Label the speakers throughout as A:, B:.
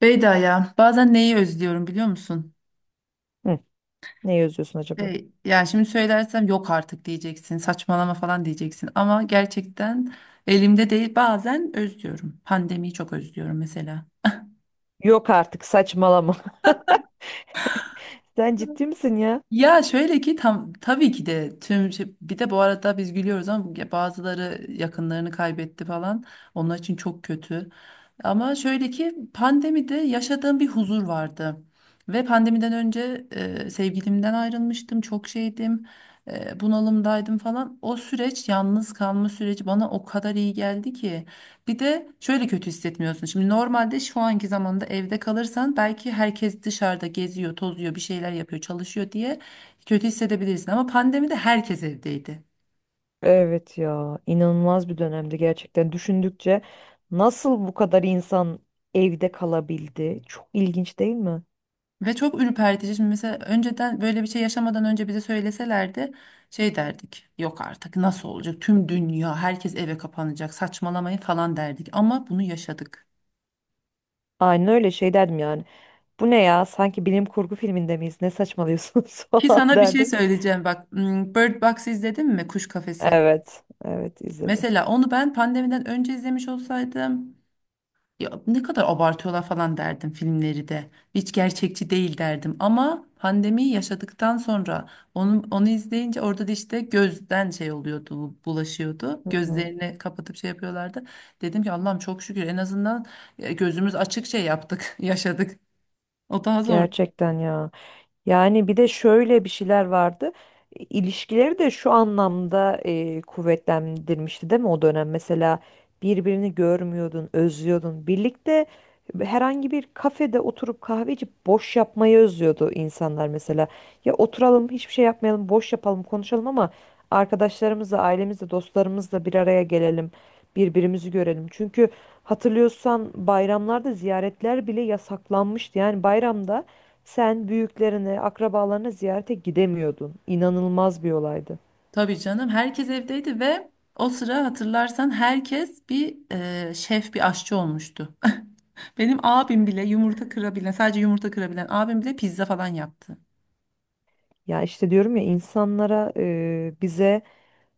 A: Beyda ya bazen neyi özlüyorum biliyor musun?
B: Hı, ne yazıyorsun acaba?
A: Yani şimdi söylersem yok artık diyeceksin saçmalama falan diyeceksin ama gerçekten elimde değil bazen özlüyorum. Pandemiyi çok özlüyorum mesela.
B: Yok artık saçmalama. Sen ciddi misin ya?
A: Ya şöyle ki tam tabii ki de bir de bu arada biz gülüyoruz ama ya bazıları yakınlarını kaybetti falan. Onlar için çok kötü. Ama şöyle ki pandemide yaşadığım bir huzur vardı. Ve pandemiden önce sevgilimden ayrılmıştım, çok şeydim, bunalımdaydım falan. O süreç, yalnız kalma süreci bana o kadar iyi geldi ki. Bir de şöyle kötü hissetmiyorsun. Şimdi normalde şu anki zamanda evde kalırsan belki herkes dışarıda geziyor, tozuyor, bir şeyler yapıyor, çalışıyor diye kötü hissedebilirsin. Ama pandemide herkes evdeydi.
B: Evet ya, inanılmaz bir dönemdi gerçekten. Düşündükçe nasıl bu kadar insan evde kalabildi? Çok ilginç değil mi?
A: Ve çok ürpertici. Şimdi mesela önceden böyle bir şey yaşamadan önce bize söyleselerdi şey derdik. Yok artık nasıl olacak? Tüm dünya herkes eve kapanacak. Saçmalamayın falan derdik. Ama bunu yaşadık.
B: Aynen öyle şey derdim yani. Bu ne ya? Sanki bilim kurgu filminde miyiz? Ne saçmalıyorsunuz
A: Ki
B: falan
A: sana bir şey
B: derdim.
A: söyleyeceğim bak. Bird Box izledin mi? Kuş Kafesi.
B: Evet, evet izledim.
A: Mesela onu ben pandemiden önce izlemiş olsaydım, ya ne kadar abartıyorlar falan derdim filmleri de. Hiç gerçekçi değil derdim. Ama pandemiyi yaşadıktan sonra onu izleyince orada da işte gözden şey oluyordu, bulaşıyordu.
B: Hı hı.
A: Gözlerini kapatıp şey yapıyorlardı. Dedim ki Allah'ım çok şükür en azından gözümüz açık şey yaptık, yaşadık. O daha zor.
B: Gerçekten ya. Yani bir de şöyle bir şeyler vardı. İlişkileri de şu anlamda kuvvetlendirmişti değil mi o dönem? Mesela birbirini görmüyordun, özlüyordun. Birlikte herhangi bir kafede oturup kahve içip boş yapmayı özlüyordu insanlar mesela. Ya oturalım, hiçbir şey yapmayalım, boş yapalım, konuşalım ama arkadaşlarımızla, ailemizle, dostlarımızla bir araya gelelim, birbirimizi görelim. Çünkü hatırlıyorsan bayramlarda ziyaretler bile yasaklanmıştı. Yani bayramda sen büyüklerini, akrabalarını ziyarete gidemiyordun. İnanılmaz bir olaydı.
A: Tabii canım herkes evdeydi ve o sıra hatırlarsan herkes bir şef, bir aşçı olmuştu. Benim abim bile yumurta kırabilen, sadece yumurta kırabilen abim bile pizza falan yaptı.
B: Ya işte diyorum ya insanlara bize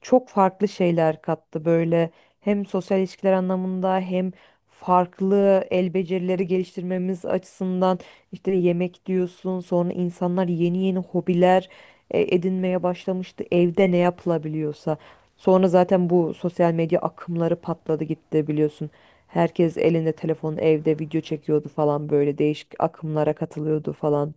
B: çok farklı şeyler kattı böyle hem sosyal ilişkiler anlamında hem farklı el becerileri geliştirmemiz açısından işte yemek diyorsun sonra insanlar yeni yeni hobiler edinmeye başlamıştı evde ne yapılabiliyorsa sonra zaten bu sosyal medya akımları patladı gitti biliyorsun herkes elinde telefon evde video çekiyordu falan böyle değişik akımlara katılıyordu falan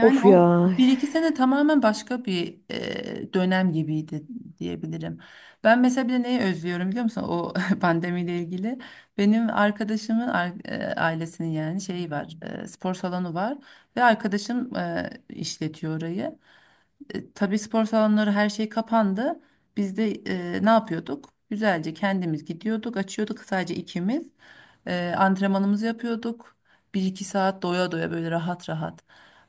B: of ya.
A: o bir iki sene tamamen başka bir dönem gibiydi diyebilirim. Ben mesela bir de neyi özlüyorum biliyor musun? O pandemiyle ilgili. Benim arkadaşımın ailesinin yani şeyi var, spor salonu var ve arkadaşım işletiyor orayı. Tabii spor salonları her şey kapandı. Biz de ne yapıyorduk? Güzelce kendimiz gidiyorduk, açıyorduk sadece ikimiz. Antrenmanımızı yapıyorduk. Bir iki saat doya doya böyle rahat rahat.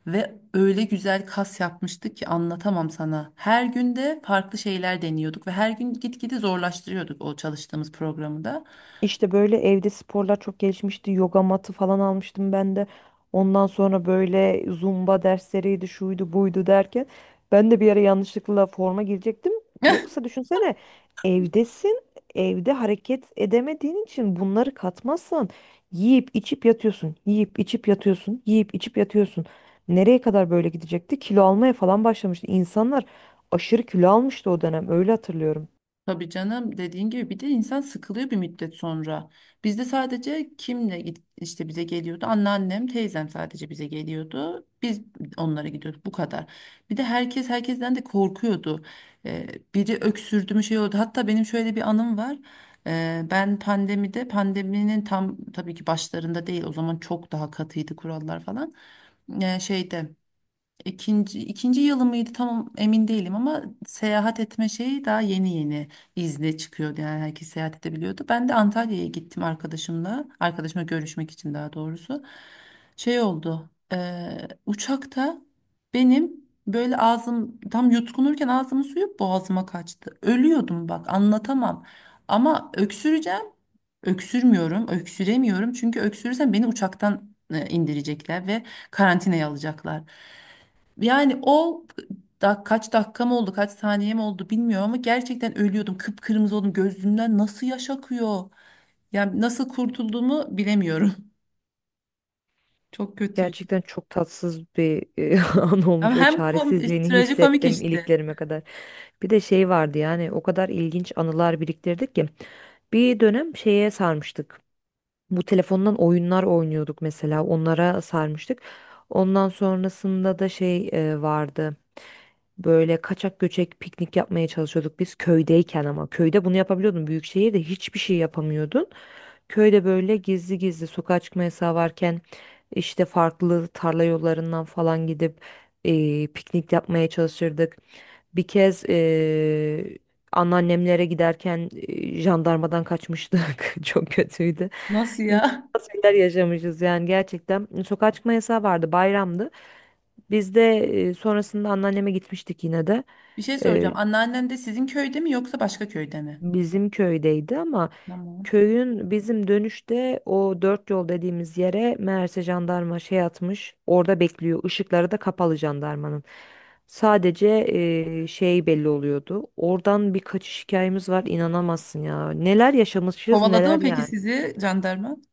A: Ve öyle güzel kas yapmıştık ki anlatamam sana. Her günde farklı şeyler deniyorduk ve her gün gitgide zorlaştırıyorduk o çalıştığımız programı da.
B: İşte böyle evde sporlar çok gelişmişti. Yoga matı falan almıştım ben de. Ondan sonra böyle zumba dersleriydi, şuydu, buydu derken ben de bir ara yanlışlıkla forma girecektim. Yoksa düşünsene evdesin, evde hareket edemediğin için bunları katmazsan yiyip içip yatıyorsun, yiyip içip yatıyorsun, yiyip içip yatıyorsun. Nereye kadar böyle gidecekti? Kilo almaya falan başlamıştı. İnsanlar aşırı kilo almıştı o dönem. Öyle hatırlıyorum.
A: Tabii canım dediğin gibi bir de insan sıkılıyor bir müddet sonra. Bizde sadece kimle git işte bize geliyordu? Anneannem, teyzem sadece bize geliyordu. Biz onlara gidiyorduk bu kadar. Bir de herkes herkesten de korkuyordu. Ee, Biri öksürdü mü şey oldu. Hatta benim şöyle bir anım var. Ben pandemide pandeminin tam tabii ki başlarında değil, o zaman çok daha katıydı kurallar falan. Şeyde, ikinci yılı mıydı tam emin değilim ama seyahat etme şeyi daha yeni yeni izne çıkıyordu. Yani herkes seyahat edebiliyordu. Ben de Antalya'ya gittim arkadaşımla. Arkadaşımla görüşmek için daha doğrusu. Şey oldu. Uçakta benim böyle ağzım tam yutkunurken ağzımın suyu boğazıma kaçtı. Ölüyordum bak anlatamam. Ama öksüreceğim. Öksürmüyorum, öksüremiyorum. Çünkü öksürürsem beni uçaktan indirecekler ve karantinaya alacaklar. Yani o da kaç dakikam oldu, kaç saniyem oldu bilmiyorum ama gerçekten ölüyordum. Kıpkırmızı oldum. Gözümden nasıl yaş akıyor? Yani nasıl kurtulduğumu bilemiyorum. Çok kötüydü.
B: Gerçekten çok tatsız bir an
A: Ama
B: olmuş. O
A: hem kom
B: çaresizliğini
A: trajikomik
B: hissettim
A: işte.
B: iliklerime kadar. Bir de şey vardı yani o kadar ilginç anılar biriktirdik ki. Bir dönem şeye sarmıştık. Bu telefondan oyunlar oynuyorduk mesela. Onlara sarmıştık. Ondan sonrasında da şey vardı. Böyle kaçak göçek piknik yapmaya çalışıyorduk biz köydeyken ama. Köyde bunu yapabiliyordun. Büyük şehirde hiçbir şey yapamıyordun. Köyde böyle gizli gizli sokağa çıkma yasağı varken işte farklı tarla yollarından falan gidip piknik yapmaya çalışırdık. Bir kez anneannemlere giderken jandarmadan kaçmıştık. Çok kötüydü.
A: Nasıl ya?
B: İnanılmaz şeyler yaşamışız yani gerçekten. Sokağa çıkma yasağı vardı, bayramdı. Biz de sonrasında anneanneme gitmiştik yine de.
A: Bir şey soracağım.
B: E,
A: Anneannen de sizin köyde mi yoksa başka köyde mi?
B: bizim köydeydi ama
A: Tamam.
B: köyün bizim dönüşte o dört yol dediğimiz yere meğerse jandarma şey atmış. Orada bekliyor. Işıkları da kapalı jandarmanın. Sadece şey belli oluyordu. Oradan bir kaçış hikayemiz var. İnanamazsın ya. Neler yaşamışız
A: Kovaladı mı
B: neler
A: peki
B: yani.
A: sizi jandarma?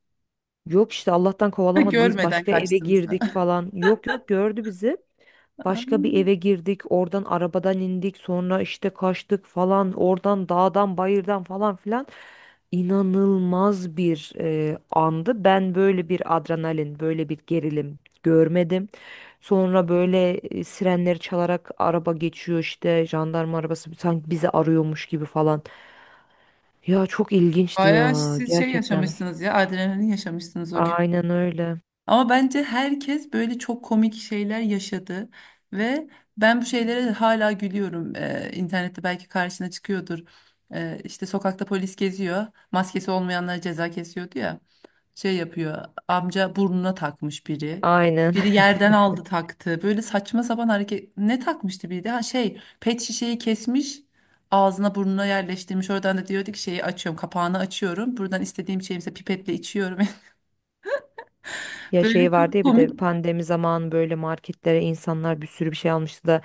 B: Yok işte Allah'tan
A: Ha,
B: kovalamadı. Biz
A: görmeden
B: başka eve
A: kaçtınız.
B: girdik falan. Yok yok gördü bizi. Başka bir
A: Ay,
B: eve girdik, oradan arabadan indik, sonra işte kaçtık falan, oradan dağdan bayırdan falan filan. İnanılmaz bir andı. Ben böyle bir adrenalin, böyle bir gerilim görmedim. Sonra böyle sirenleri çalarak araba geçiyor işte, jandarma arabası sanki bizi arıyormuş gibi falan. Ya çok ilginçti
A: bayağı
B: ya
A: siz şey
B: gerçekten.
A: yaşamışsınız ya. Adrenalin yaşamışsınız o gün.
B: Aynen öyle.
A: Ama bence herkes böyle çok komik şeyler yaşadı ve ben bu şeylere hala gülüyorum. İnternette belki karşına çıkıyordur. İşte sokakta polis geziyor, maskesi olmayanlara ceza kesiyordu ya. Şey yapıyor, amca burnuna takmış biri.
B: Aynen.
A: Biri yerden aldı taktı. Böyle saçma sapan hareket. Ne takmıştı biri de? Ha şey, pet şişeyi kesmiş. Ağzına burnuna yerleştirmiş. Oradan da diyordu ki şeyi açıyorum, kapağını açıyorum. Buradan istediğim şeyimse pipetle içiyorum.
B: Ya
A: Böyle
B: şey vardı
A: çok
B: ya bir
A: komik.
B: de pandemi zamanı böyle marketlere insanlar bir sürü bir şey almıştı da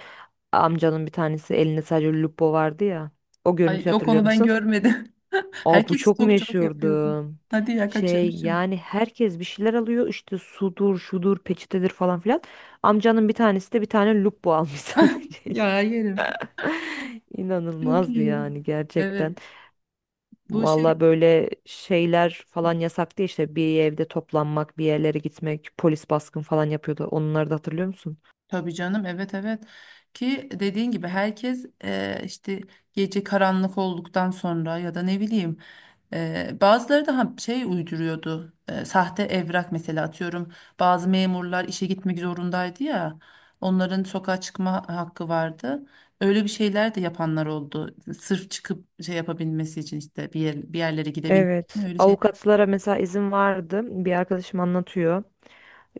B: amcanın bir tanesi elinde sadece lupo vardı ya. O
A: Ay
B: görüntüyü
A: yok
B: hatırlıyor
A: onu ben
B: musun?
A: görmedim.
B: Aa, bu
A: Herkes
B: çok
A: stokçuluk yapıyordu.
B: meşhurdu.
A: Hadi ya
B: Şey
A: kaçırmışım.
B: yani herkes bir şeyler alıyor işte sudur şudur peçetedir falan filan. Amcanın bir tanesi de bir tane lupo almış sadece.
A: Ya yerim. Çok
B: İnanılmazdı
A: iyi.
B: yani gerçekten.
A: Evet. Bu şey
B: Valla böyle şeyler falan yasaktı işte bir evde toplanmak bir yerlere gitmek polis baskın falan yapıyordu. Onları da hatırlıyor musun?
A: tabii canım, evet, evet, ki dediğin gibi herkes işte gece karanlık olduktan sonra ya da ne bileyim, bazıları da şey uyduruyordu. E, sahte evrak mesela atıyorum bazı memurlar işe gitmek zorundaydı ya, onların sokağa çıkma hakkı vardı. Öyle bir şeyler de yapanlar oldu sırf çıkıp şey yapabilmesi için işte bir yerlere gidebilmek için
B: Evet.
A: öyle şeyler.
B: Avukatlara mesela izin vardı. Bir arkadaşım anlatıyor.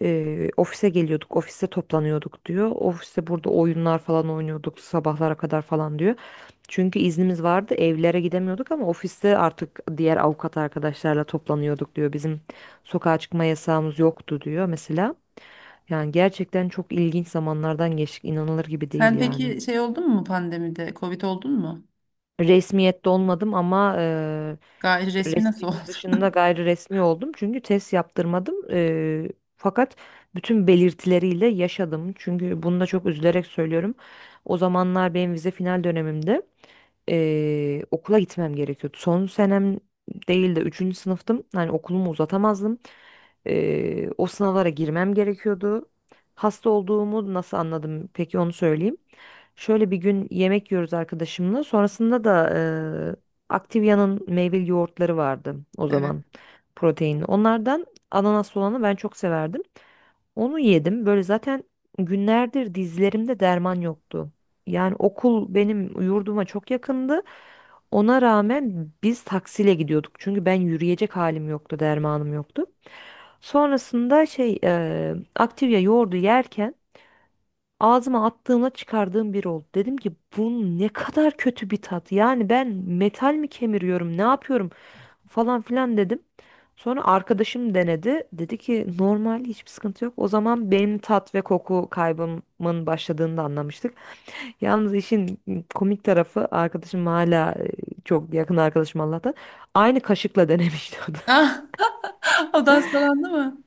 B: Ofise geliyorduk, ofiste toplanıyorduk diyor. Ofiste burada oyunlar falan oynuyorduk sabahlara kadar falan diyor. Çünkü iznimiz vardı, evlere gidemiyorduk ama ofiste artık diğer avukat arkadaşlarla toplanıyorduk diyor. Bizim sokağa çıkma yasağımız yoktu diyor mesela. Yani gerçekten çok ilginç zamanlardan geçtik, inanılır gibi değil
A: Sen
B: yani.
A: peki şey oldun mu pandemide, Covid oldun mu?
B: Resmiyette olmadım ama
A: Gayri resmi nasıl
B: resmiyetin
A: oldu?
B: dışında gayri resmi oldum. Çünkü test yaptırmadım. Fakat bütün belirtileriyle yaşadım. Çünkü bunu da çok üzülerek söylüyorum. O zamanlar benim vize final dönemimde okula gitmem gerekiyordu. Son senem değil de üçüncü sınıftım. Yani okulumu uzatamazdım. O sınavlara girmem gerekiyordu. Hasta olduğumu nasıl anladım? Peki onu söyleyeyim. Şöyle bir gün yemek yiyoruz arkadaşımla. Sonrasında da Activia'nın meyveli yoğurtları vardı o
A: Evet.
B: zaman. Proteinli. Onlardan ananaslı olanı ben çok severdim. Onu yedim. Böyle zaten günlerdir dizlerimde derman yoktu. Yani okul benim yurduma çok yakındı. Ona rağmen biz taksiyle gidiyorduk. Çünkü ben yürüyecek halim yoktu, dermanım yoktu. Sonrasında şey Activia yoğurdu yerken ağzıma attığımda çıkardığım bir oldu. Dedim ki bu ne kadar kötü bir tat. Yani ben metal mi kemiriyorum, ne yapıyorum falan filan dedim. Sonra arkadaşım denedi. Dedi ki normal hiçbir sıkıntı yok. O zaman benim tat ve koku kaybımın başladığını da anlamıştık. Yalnız işin komik tarafı arkadaşım hala çok yakın arkadaşım Allah'tan. Aynı kaşıkla denemişti o da.
A: Ah. O da hastalandı mı?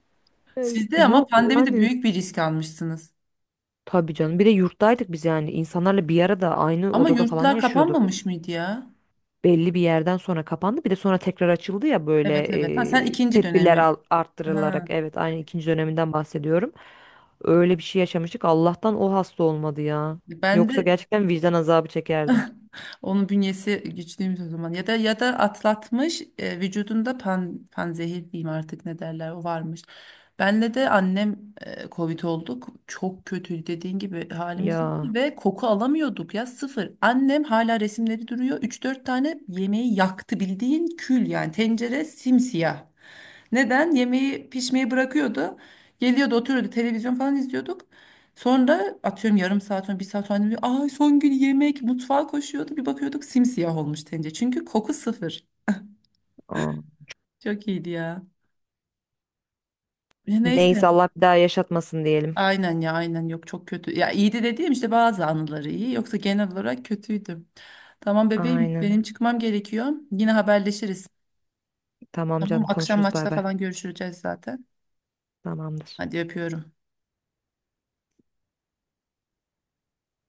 B: E,
A: Siz de ama
B: yok
A: pandemide
B: yani
A: büyük bir risk almışsınız.
B: tabii canım. Bir de yurttaydık biz yani. İnsanlarla bir arada aynı
A: Ama
B: odada falan
A: yurtlar
B: yaşıyorduk.
A: kapanmamış mıydı ya?
B: Belli bir yerden sonra kapandı. Bir de sonra tekrar açıldı ya böyle
A: Evet, evet. Ha, sen ikinci
B: tedbirler
A: dönemi.
B: arttırılarak.
A: Ha,
B: Evet aynı ikinci döneminden bahsediyorum. Öyle bir şey yaşamıştık. Allah'tan o hasta olmadı ya.
A: ben
B: Yoksa
A: de.
B: gerçekten vicdan azabı çekerdim.
A: Onun bünyesi güçlüymüş o zaman. Ya da ya da atlatmış, vücudunda panzehir diyeyim artık, ne derler o varmış. Benle de annem Covid olduk. Çok kötüydü dediğin gibi, halimiz yok
B: Ya.
A: ve koku alamıyorduk ya, sıfır. Annem hala resimleri duruyor. Üç dört tane yemeği yaktı, bildiğin kül, yani tencere simsiyah. Neden? Yemeği pişmeyi bırakıyordu. Geliyordu, oturuyordu, televizyon falan izliyorduk. Sonra atıyorum yarım saat sonra, bir saat sonra annem diyor, ay son gün yemek, mutfağa koşuyordu, bir bakıyorduk simsiyah olmuş tencere. Çünkü koku sıfır.
B: Aa.
A: Çok iyiydi ya. Ya
B: Neyse
A: neyse.
B: Allah bir daha yaşatmasın diyelim.
A: Aynen ya, aynen, yok çok kötü. Ya iyiydi dediğim işte bazı anıları, iyi yoksa genel olarak kötüydü. Tamam bebeğim benim
B: Aynen.
A: çıkmam gerekiyor. Yine haberleşiriz.
B: Tamam
A: Tamam
B: canım
A: akşam
B: konuşuruz
A: maçta
B: bay bay.
A: falan görüşeceğiz zaten.
B: Tamamdır.
A: Hadi öpüyorum.